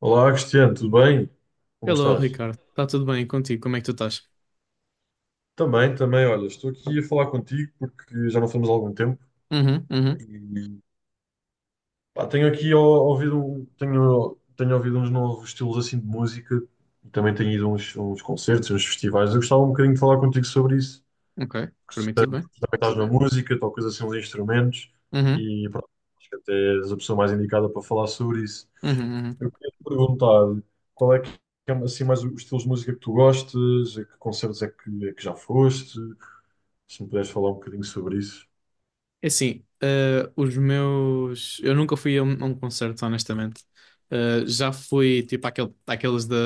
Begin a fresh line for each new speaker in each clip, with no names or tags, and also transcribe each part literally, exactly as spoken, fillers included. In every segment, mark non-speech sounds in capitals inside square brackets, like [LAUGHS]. Olá, Cristiano, tudo bem? Como
Hello,
estás?
Ricardo. Está tudo bem contigo? Como é que tu estás?
Também, também, olha, estou aqui a falar contigo porque já não falamos há algum tempo
Uhum, uhum.
e pá, tenho aqui ó, ouvido, um- tenho, tenho ouvido uns novos estilos assim de música e também tenho ido a uns, uns concertos, uns festivais. Eu gostava um bocadinho de falar contigo sobre isso.
Ok,
que
para
se-
mim tudo bem.
porque também estás na música, tocas assim uns instrumentos
Uhum,
e pronto, acho que até és a pessoa mais indicada para falar sobre isso.
uhum,
Eu
uhum.
queria te perguntar qual é que é assim, mais os estilos de música que tu gostas, a que concertos é que, é que já foste, se me puderes falar um bocadinho sobre isso.
É assim, eh, os meus... Eu nunca fui a um, a um concerto, honestamente. Eh, já fui, tipo, àquele, àqueles da,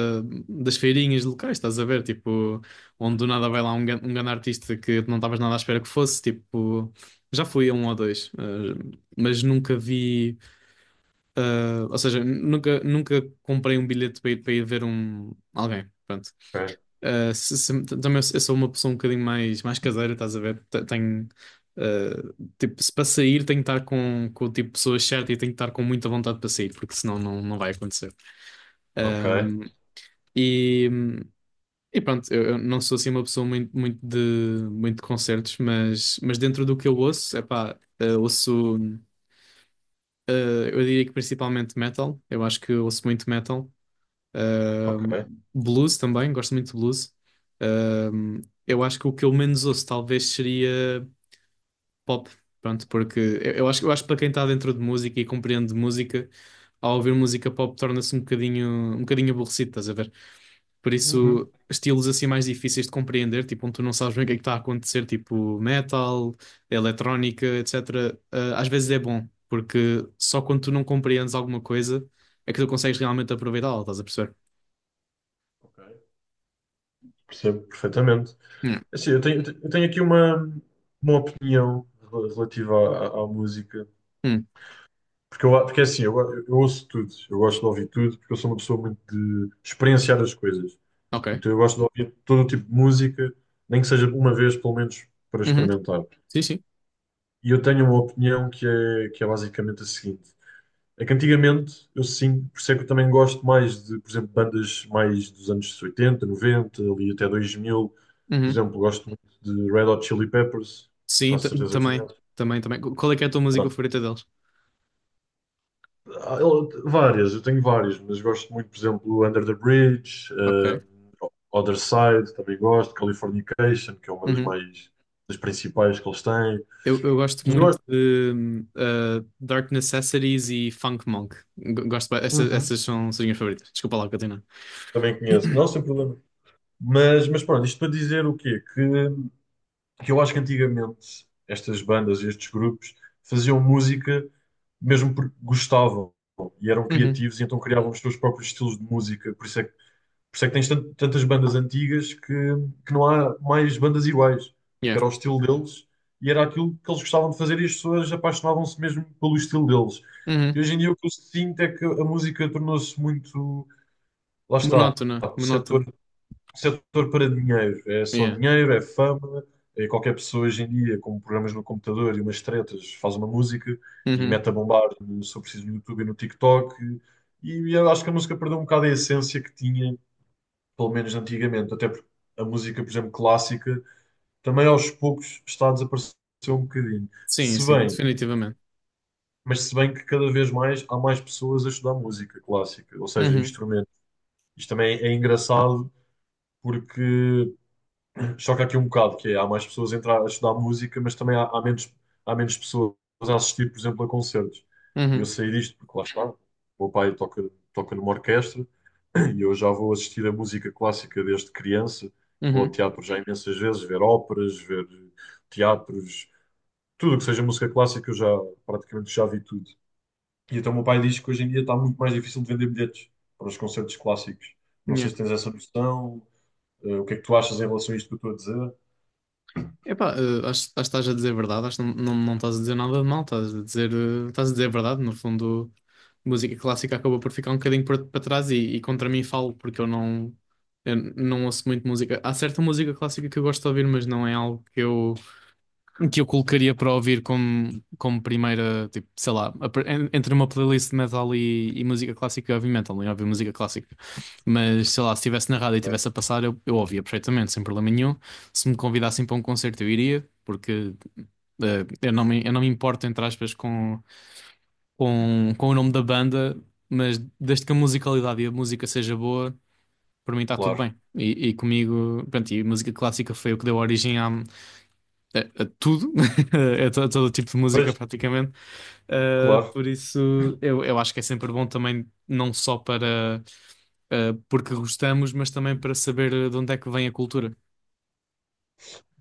das feirinhas locais, estás a ver? Tipo, onde do nada vai lá um, gan- um grande artista que não estavas nada à espera que fosse. Tipo, já fui a um ou dois. Eh, mas nunca vi... eh, Ou seja, nunca, nunca comprei um bilhete para ir, para ir ver um, alguém. Pronto.
Ok,
Uh, se- se- também eu, eu sou uma pessoa um bocadinho mais, mais caseira, estás a ver? Te- Tenho, uh, tipo, se para sair tenho que estar com, com o tipo de pessoa certa e tenho que estar com muita vontade para sair, porque senão não, não vai acontecer.
ok,
Um, e, e pronto, eu, eu não sou assim uma pessoa muito, muito de, muito de concertos, mas, mas dentro do que eu ouço, epá, uh, ouço, uh, eu diria que principalmente metal, eu acho que eu ouço muito metal. Ahm,
ok.
Blues também, gosto muito de blues. Ahm, eu acho que o que eu menos ouço talvez seria pop, pronto, porque eu, eu acho, eu acho que para quem está dentro de música e compreende música, ao ouvir música pop torna-se um bocadinho, um bocadinho aborrecido, estás a ver? Por
Uhum.
isso, estilos assim mais difíceis de compreender, tipo, onde tu não sabes bem o que é que está a acontecer, tipo metal, eletrónica, et cetera ah, Às vezes é bom, porque só quando tu não compreendes alguma coisa é que tu consegues realmente aproveitá-la, estás a perceber?
Ok. Percebo perfeitamente. Assim, eu tenho, eu tenho aqui uma, uma, opinião rel- relativa à, à- à música.
Hum.
Porque, eu, porque é assim, eu, eu ouço tudo, eu gosto de ouvir tudo, porque eu sou uma pessoa muito de experienciar as coisas.
Ok.
Então eu gosto de ouvir todo o tipo de música, nem que seja uma vez, pelo menos, para
Uhum.
experimentar.
Sim, sim.
E eu tenho uma opinião que é, que é basicamente a seguinte: é que antigamente eu sim, por isso é que eu também gosto mais de, por exemplo, bandas mais dos anos oitenta, noventa, ali até dois mil. Por
Uhum.
exemplo, gosto muito de Red Hot Chili Peppers,
Sim,
quase
ta-
certeza que
também.
conheço.
Também, também. Qu- Qual é que é a tua música favorita deles?
Ah, eu- Várias, eu tenho várias, mas gosto muito, por exemplo, Under the Bridge, eh,
Ok.
Other Side, também gosto, Californication, que é uma das
Uhum.
mais das principais que eles têm.
Eu, eu gosto
Mas eu
muito
gosto-
de hum, uh, Dark Necessities e Funk Monk. G- Gosto, ba- essa,
Uhum.
essas são as minhas favoritas. Desculpa lá, Catarina.
Também conheço, não, sem problema. Mas, mas pronto, isto para dizer o quê? Que, que eu acho que antigamente estas bandas e estes grupos faziam música mesmo porque gostavam e eram
Uhum.
criativos e então criavam os seus próprios estilos de música, por isso é que Por isso é que tens tan- tantas bandas antigas que, que não há mais bandas iguais, porque
Yeah.
era o estilo deles e era aquilo que eles gostavam de fazer e as pessoas apaixonavam-se mesmo pelo estilo deles. E
Uhum.
hoje em dia o que eu sinto é que a música tornou-se muito, lá está,
Monótona,
um setor,
monótona.
um setor para dinheiro. É só
Yeah.
dinheiro, é fama, é qualquer pessoa hoje em dia com programas no computador e umas tretas faz uma música e
Uhum.
mete a bombar, se eu preciso, no YouTube e no TikTok. E eu acho que a música perdeu um bocado a essência que tinha pelo menos antigamente, até porque a música, por exemplo, clássica, também aos poucos está a desaparecer um bocadinho.
Sim,
Se
sim,
bem,
definitivamente.
mas se bem que cada vez mais há mais pessoas a estudar música clássica, ou seja,
Uhum.
instrumentos. Isto também é engraçado porque choca aqui um bocado, que é, há mais pessoas a entrar a estudar música, mas também há, há menos, há menos pessoas a assistir, por exemplo, a concertos. E eu
Uhum.
sei disto porque lá está, o meu pai toca, toca, numa orquestra. E eu já vou assistir a música clássica desde criança, que vou ao
Uhum.
teatro já imensas vezes, ver óperas, ver teatros, tudo o que seja música clássica, eu já praticamente já vi tudo. E então o meu pai diz que hoje em dia está muito mais difícil de vender bilhetes para os concertos clássicos. Não sei
Yeah.
se tens essa noção, eh, o que é que tu achas em relação a isto que eu estou a dizer?
Epá, eh, acho, acho que estás a dizer verdade, acho que não, não, não estás a dizer nada de mal, estás a dizer, eh, estás a dizer verdade, no fundo, música clássica acabou por ficar um bocadinho para para trás e, e contra mim falo, porque eu não, eu não ouço muito música. Há certa música clássica que eu gosto de ouvir, mas não é algo que eu que eu colocaria para ouvir como, como primeira, tipo, sei lá, a en- entre uma playlist de metal e, e música clássica, eu ouvi metal, eu ouvi música clássica. Mas, sei lá, se estivesse na rádio e
É.
estivesse a passar, eu, eu ouvia perfeitamente, sem problema nenhum. Se me convidassem para um concerto, eu iria, porque eh, eu não me, eu não me importo, entre aspas, com, com, com o nome da banda, mas desde que a musicalidade e a música seja boa, para mim está tudo
Claro.
bem. E, e comigo, pronto, e música clássica foi o que deu origem à, a, a tudo, [LAUGHS] é to- é todo tipo de
Pois,
música praticamente. Uh,
claro.
por isso eu, eu acho que é sempre bom também, não só para uh, porque gostamos, mas também para saber de onde é que vem a cultura.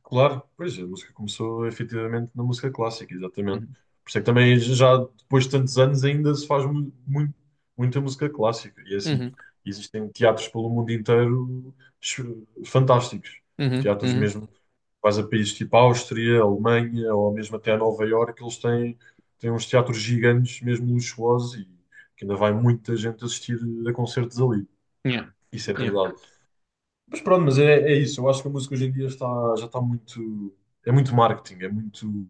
Claro, pois a música começou efetivamente na música clássica, exatamente.
Uhum,
Por isso é que também já depois de tantos anos ainda se faz mu- muito, muita música clássica. E é assim,
uhum,
existem teatros pelo mundo inteiro ch- fantásticos.
uhum.
Teatros
Uhum.
mesmo, vais a países tipo Áustria, Alemanha ou mesmo até a Nova Iorque, eles têm, têm uns teatros gigantes, mesmo luxuosos, e que ainda vai muita gente assistir a concertos ali.
Yeah,
Isso é
yeah.
verdade. Mas pronto, mas é, é isso. Eu acho que a música hoje em dia está, já está muito. É muito marketing, é muito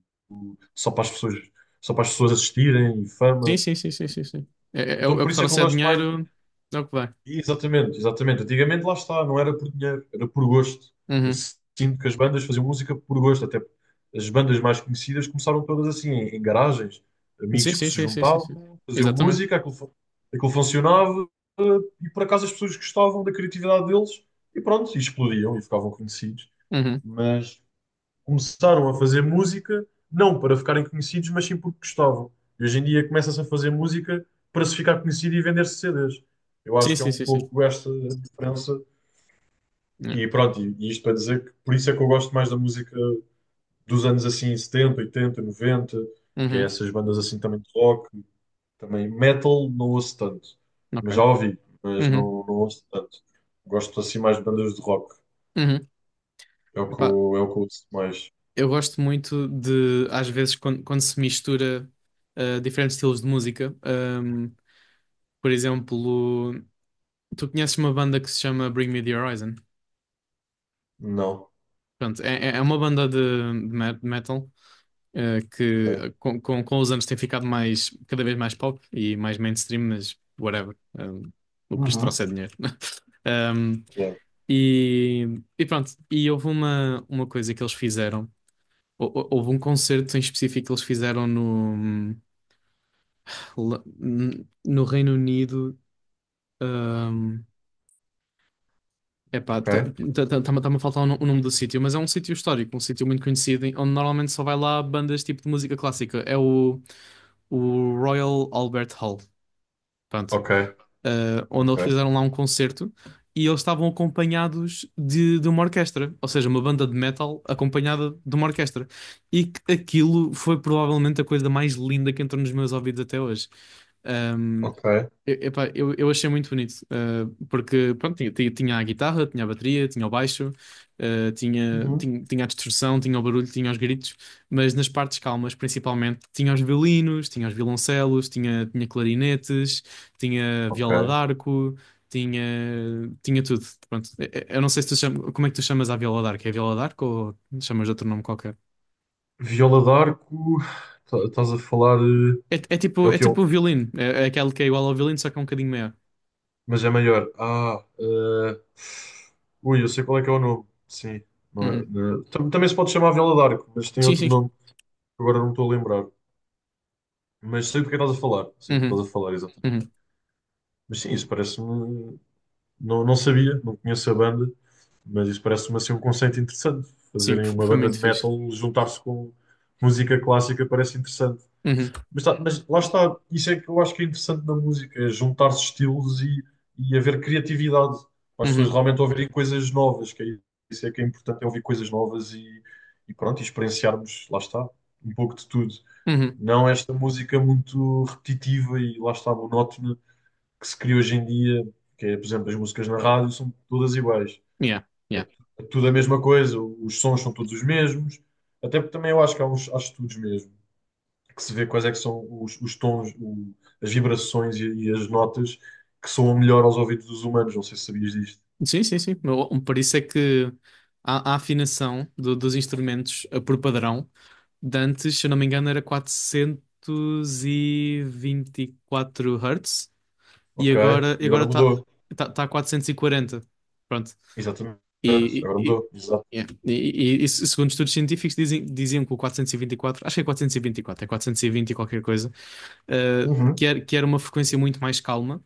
só para as pessoas, só para as pessoas assistirem e
Sim,
fama.
sim, sim, sim, sim, sim. É, é- é o
Então
é o
por
que
isso é que eu
trouxer
gosto mais.
dinheiro, é o que vai.
Exatamente, exatamente. Antigamente lá está, não era por dinheiro, era por gosto. Eu
Uhum.
sinto que as bandas faziam música por gosto. Até as bandas mais conhecidas começaram todas assim, em, em garagens,
Sim,
amigos que
sim,
se
sim, sim, sim, sim.
juntavam, faziam
Exatamente.
música, aquilo, fu- aquilo funcionava, eh, e por acaso as pessoas gostavam da criatividade deles e pronto, e explodiam e ficavam conhecidos,
Uhum.
mas começaram a fazer música não para ficarem conhecidos, mas sim porque gostavam. E hoje em dia começa-se a fazer música para se ficar conhecido e vender-se C Ds. Eu
Sim,
acho que é
sim,
um
sim, sim.
pouco esta a diferença.
Yeah.
E pronto, e e isto para dizer que por isso é que eu gosto mais da música dos anos assim setenta oitenta noventa, que é
Uhum.
essas bandas assim também de rock. Também metal não ouço tanto, mas já
Ok.
ouvi, mas
Uhum.
não, não ouço tanto. Gosto assim mais de bandas de rock.
Uhum.
É o que
Epá,
eu, é o que eu ouço mais.
eu gosto muito de, às vezes, quando, quando se mistura ah, diferentes estilos de música. Ahm, por exemplo, tu conheces uma banda que se chama Bring Me the Horizon?
Não.
Pronto, é, é é uma banda de, de me- metal ah, que
Ok.
ah, com, com, com os anos tem ficado mais, cada vez mais pop e mais mainstream, mas whatever. Ahm, o que lhes
Uhum.
trouxe é dinheiro. [LAUGHS] Ahm,
Yeah.
e, e pronto, e houve uma, uma coisa que eles fizeram. Hou- hou- Houve um concerto em específico que eles fizeram no. Pula- n- No Reino Unido, hum, epá,
Ok,
está-me a faltar o no- o nome do sítio, mas é um sítio histórico, um sítio muito conhecido, em- onde normalmente só vai lá bandas tipo de música clássica. É o, o Royal Albert Hall, pronto,
ok,
eh, onde
ok,
eles fizeram lá um concerto e eles estavam acompanhados de, de uma orquestra, ou seja, uma banda de metal acompanhada de uma orquestra. E que aquilo foi provavelmente a coisa mais linda que entrou nos meus ouvidos até hoje.
ok,
Eu, epá, eu, eu achei muito bonito, eh, porque pronto, tinha, tinha- tinha a guitarra, tinha a bateria, tinha o baixo, eh, tinha,
Uhum.
tinha, tinha a distorção, tinha o barulho, tinha os gritos, mas nas partes calmas, principalmente, tinha os violinos, tinha os violoncelos, tinha, tinha clarinetes, tinha viola
Ok.
d'arco, tinha, tinha tudo. Pronto. Eh, eh, eu não sei se tu chama, como é que tu chamas a viola d'arco. É viola d'arco ou chamas de outro nome qualquer?
Viola d'Arco, tá- estás a falar. eh,
É, é
É
tipo,
o
é
que eu.
tipo o violino, é, é aquele que é igual ao violino, só que é um bocadinho maior.
Mas é maior. Ah, eh, ui, eu sei qual é que é o nome. Sim. não é-
Uhum.
não é- Tam- Também se pode chamar Viola d'Arco, mas tem
Sim,
outro
sim.
nome que agora não me estou a lembrar. Mas sei do que é que estás a falar. Sei do que é que
Uhum,
estás a falar, exatamente.
uhum.
Mas sim, isso parece-me. Não, não sabia, não conheço a banda, mas isso parece-me assim um conceito interessante.
Sim,
Fazerem
f-
uma
foi
banda de
muito fixe.
metal, juntar-se com música clássica parece interessante.
Uhum,
Mas, tá- mas lá está, isso é que eu acho que é interessante na música, é juntar-se estilos e, e haver criatividade, para as pessoas
uhum,
realmente ouvirem coisas novas, que é isso é que é importante, é ouvir coisas novas e, e pronto, e experienciarmos, lá está, um pouco de tudo.
uhum.
Não esta música muito repetitiva e lá está, monótona, que se cria hoje em dia, que é, por exemplo, as músicas na rádio são todas iguais.
Yeah,
É,
yeah.
tu- é tudo a mesma coisa, os sons são todos os mesmos. Até porque também eu acho que há uns há estudos mesmo, que se vê quais é que são os, os tons, o- as vibrações e, e as notas que soam melhor aos ouvidos dos humanos. Não sei se sabias disto.
Sim, sim, sim. Mas, um por isso é que a, a afinação do- dos instrumentos eh, por padrão, de antes, se eu não me engano, era quatrocentos e vinte e quatro Hz e
Ok?
agora
E
agora
agora
está tá,
mudou.
tá tá a quatrocentos e quarenta. Pronto.
Exatamente.
E,
Agora
e, e-
mudou. Exato.
yeah. E- e- e isso, segundo estudos científicos, dizem, diziam que o quatrocentos e vinte e quatro acho que é quatrocentos e vinte e quatro é quatrocentos e vinte e vinte e qualquer coisa, eh,
Uhum.
que era, que era uma frequência muito mais calma.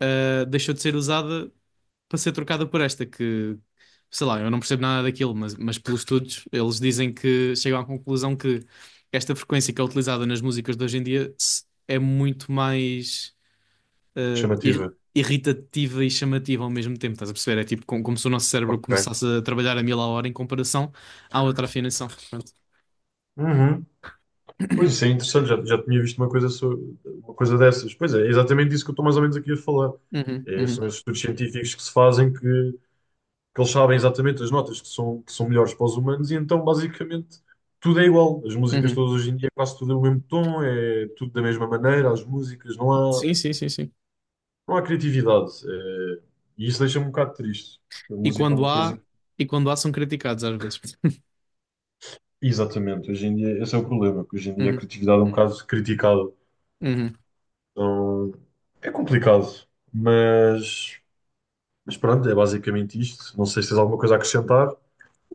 ah, Deixou de ser usada para ser trocada por esta, que sei lá, eu não percebo nada daquilo, mas, mas pelos estudos eles dizem que chegam à conclusão que esta frequência que é utilizada nas músicas de hoje em dia se- é muito mais ah, ir-
Chamativa.
irritativa e chamativa ao mesmo tempo, estás a perceber? É tipo como, como se o nosso cérebro
Ok.
começasse a trabalhar a mil a hora em comparação à outra afinação. Pronto.
Uhum. Pois isso é interessante, já, já tinha visto uma coisa, so- uma coisa dessas. Pois é, é exatamente isso que eu estou mais ou menos aqui a falar.
Uhum,
É,
uhum,
são esses estudos científicos que se fazem que, que eles sabem exatamente as notas que são, que são melhores para os humanos e então basicamente tudo é igual. As músicas
uhum.
todas hoje em dia quase tudo é o mesmo tom, é tudo da mesma maneira, as músicas, não há,
Sim, sim, sim, sim.
não há criatividade. É, e isso deixa-me um bocado triste, porque a
E
música é
quando
uma
há,
coisa.
e quando há são criticados às vezes. [LAUGHS]
Exatamente, hoje em dia esse é o problema, que hoje em dia a
Uhum,
criatividade é um bocado criticada.
uhum.
Então, é complicado, mas, mas pronto, é basicamente isto. Não sei se tens alguma coisa a acrescentar.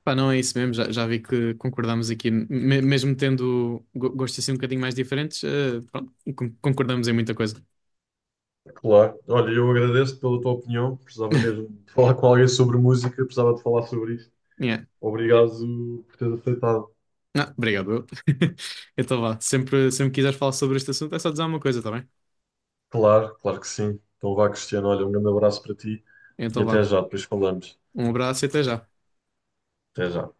Pá, não é isso mesmo, já, já vi que concordamos aqui, Me- mesmo tendo go- gostos assim um bocadinho mais diferentes, eh, pronto, con- concordamos em muita coisa.
Claro. Olha, eu agradeço pela tua opinião. Precisava mesmo
[LAUGHS]
de falar com alguém sobre música, precisava de falar sobre isto.
Yeah.
Obrigado por teres aceitado.
Ah, obrigado. Eu. [LAUGHS] Então vá, sempre, sempre quiseres falar sobre este assunto é só dizer uma coisa, tá bem?
Claro, claro que sim. Então vá, Cristiano, olha, um grande abraço para ti e
Então
até
vá,
já, depois falamos.
um abraço e até já.
Até já.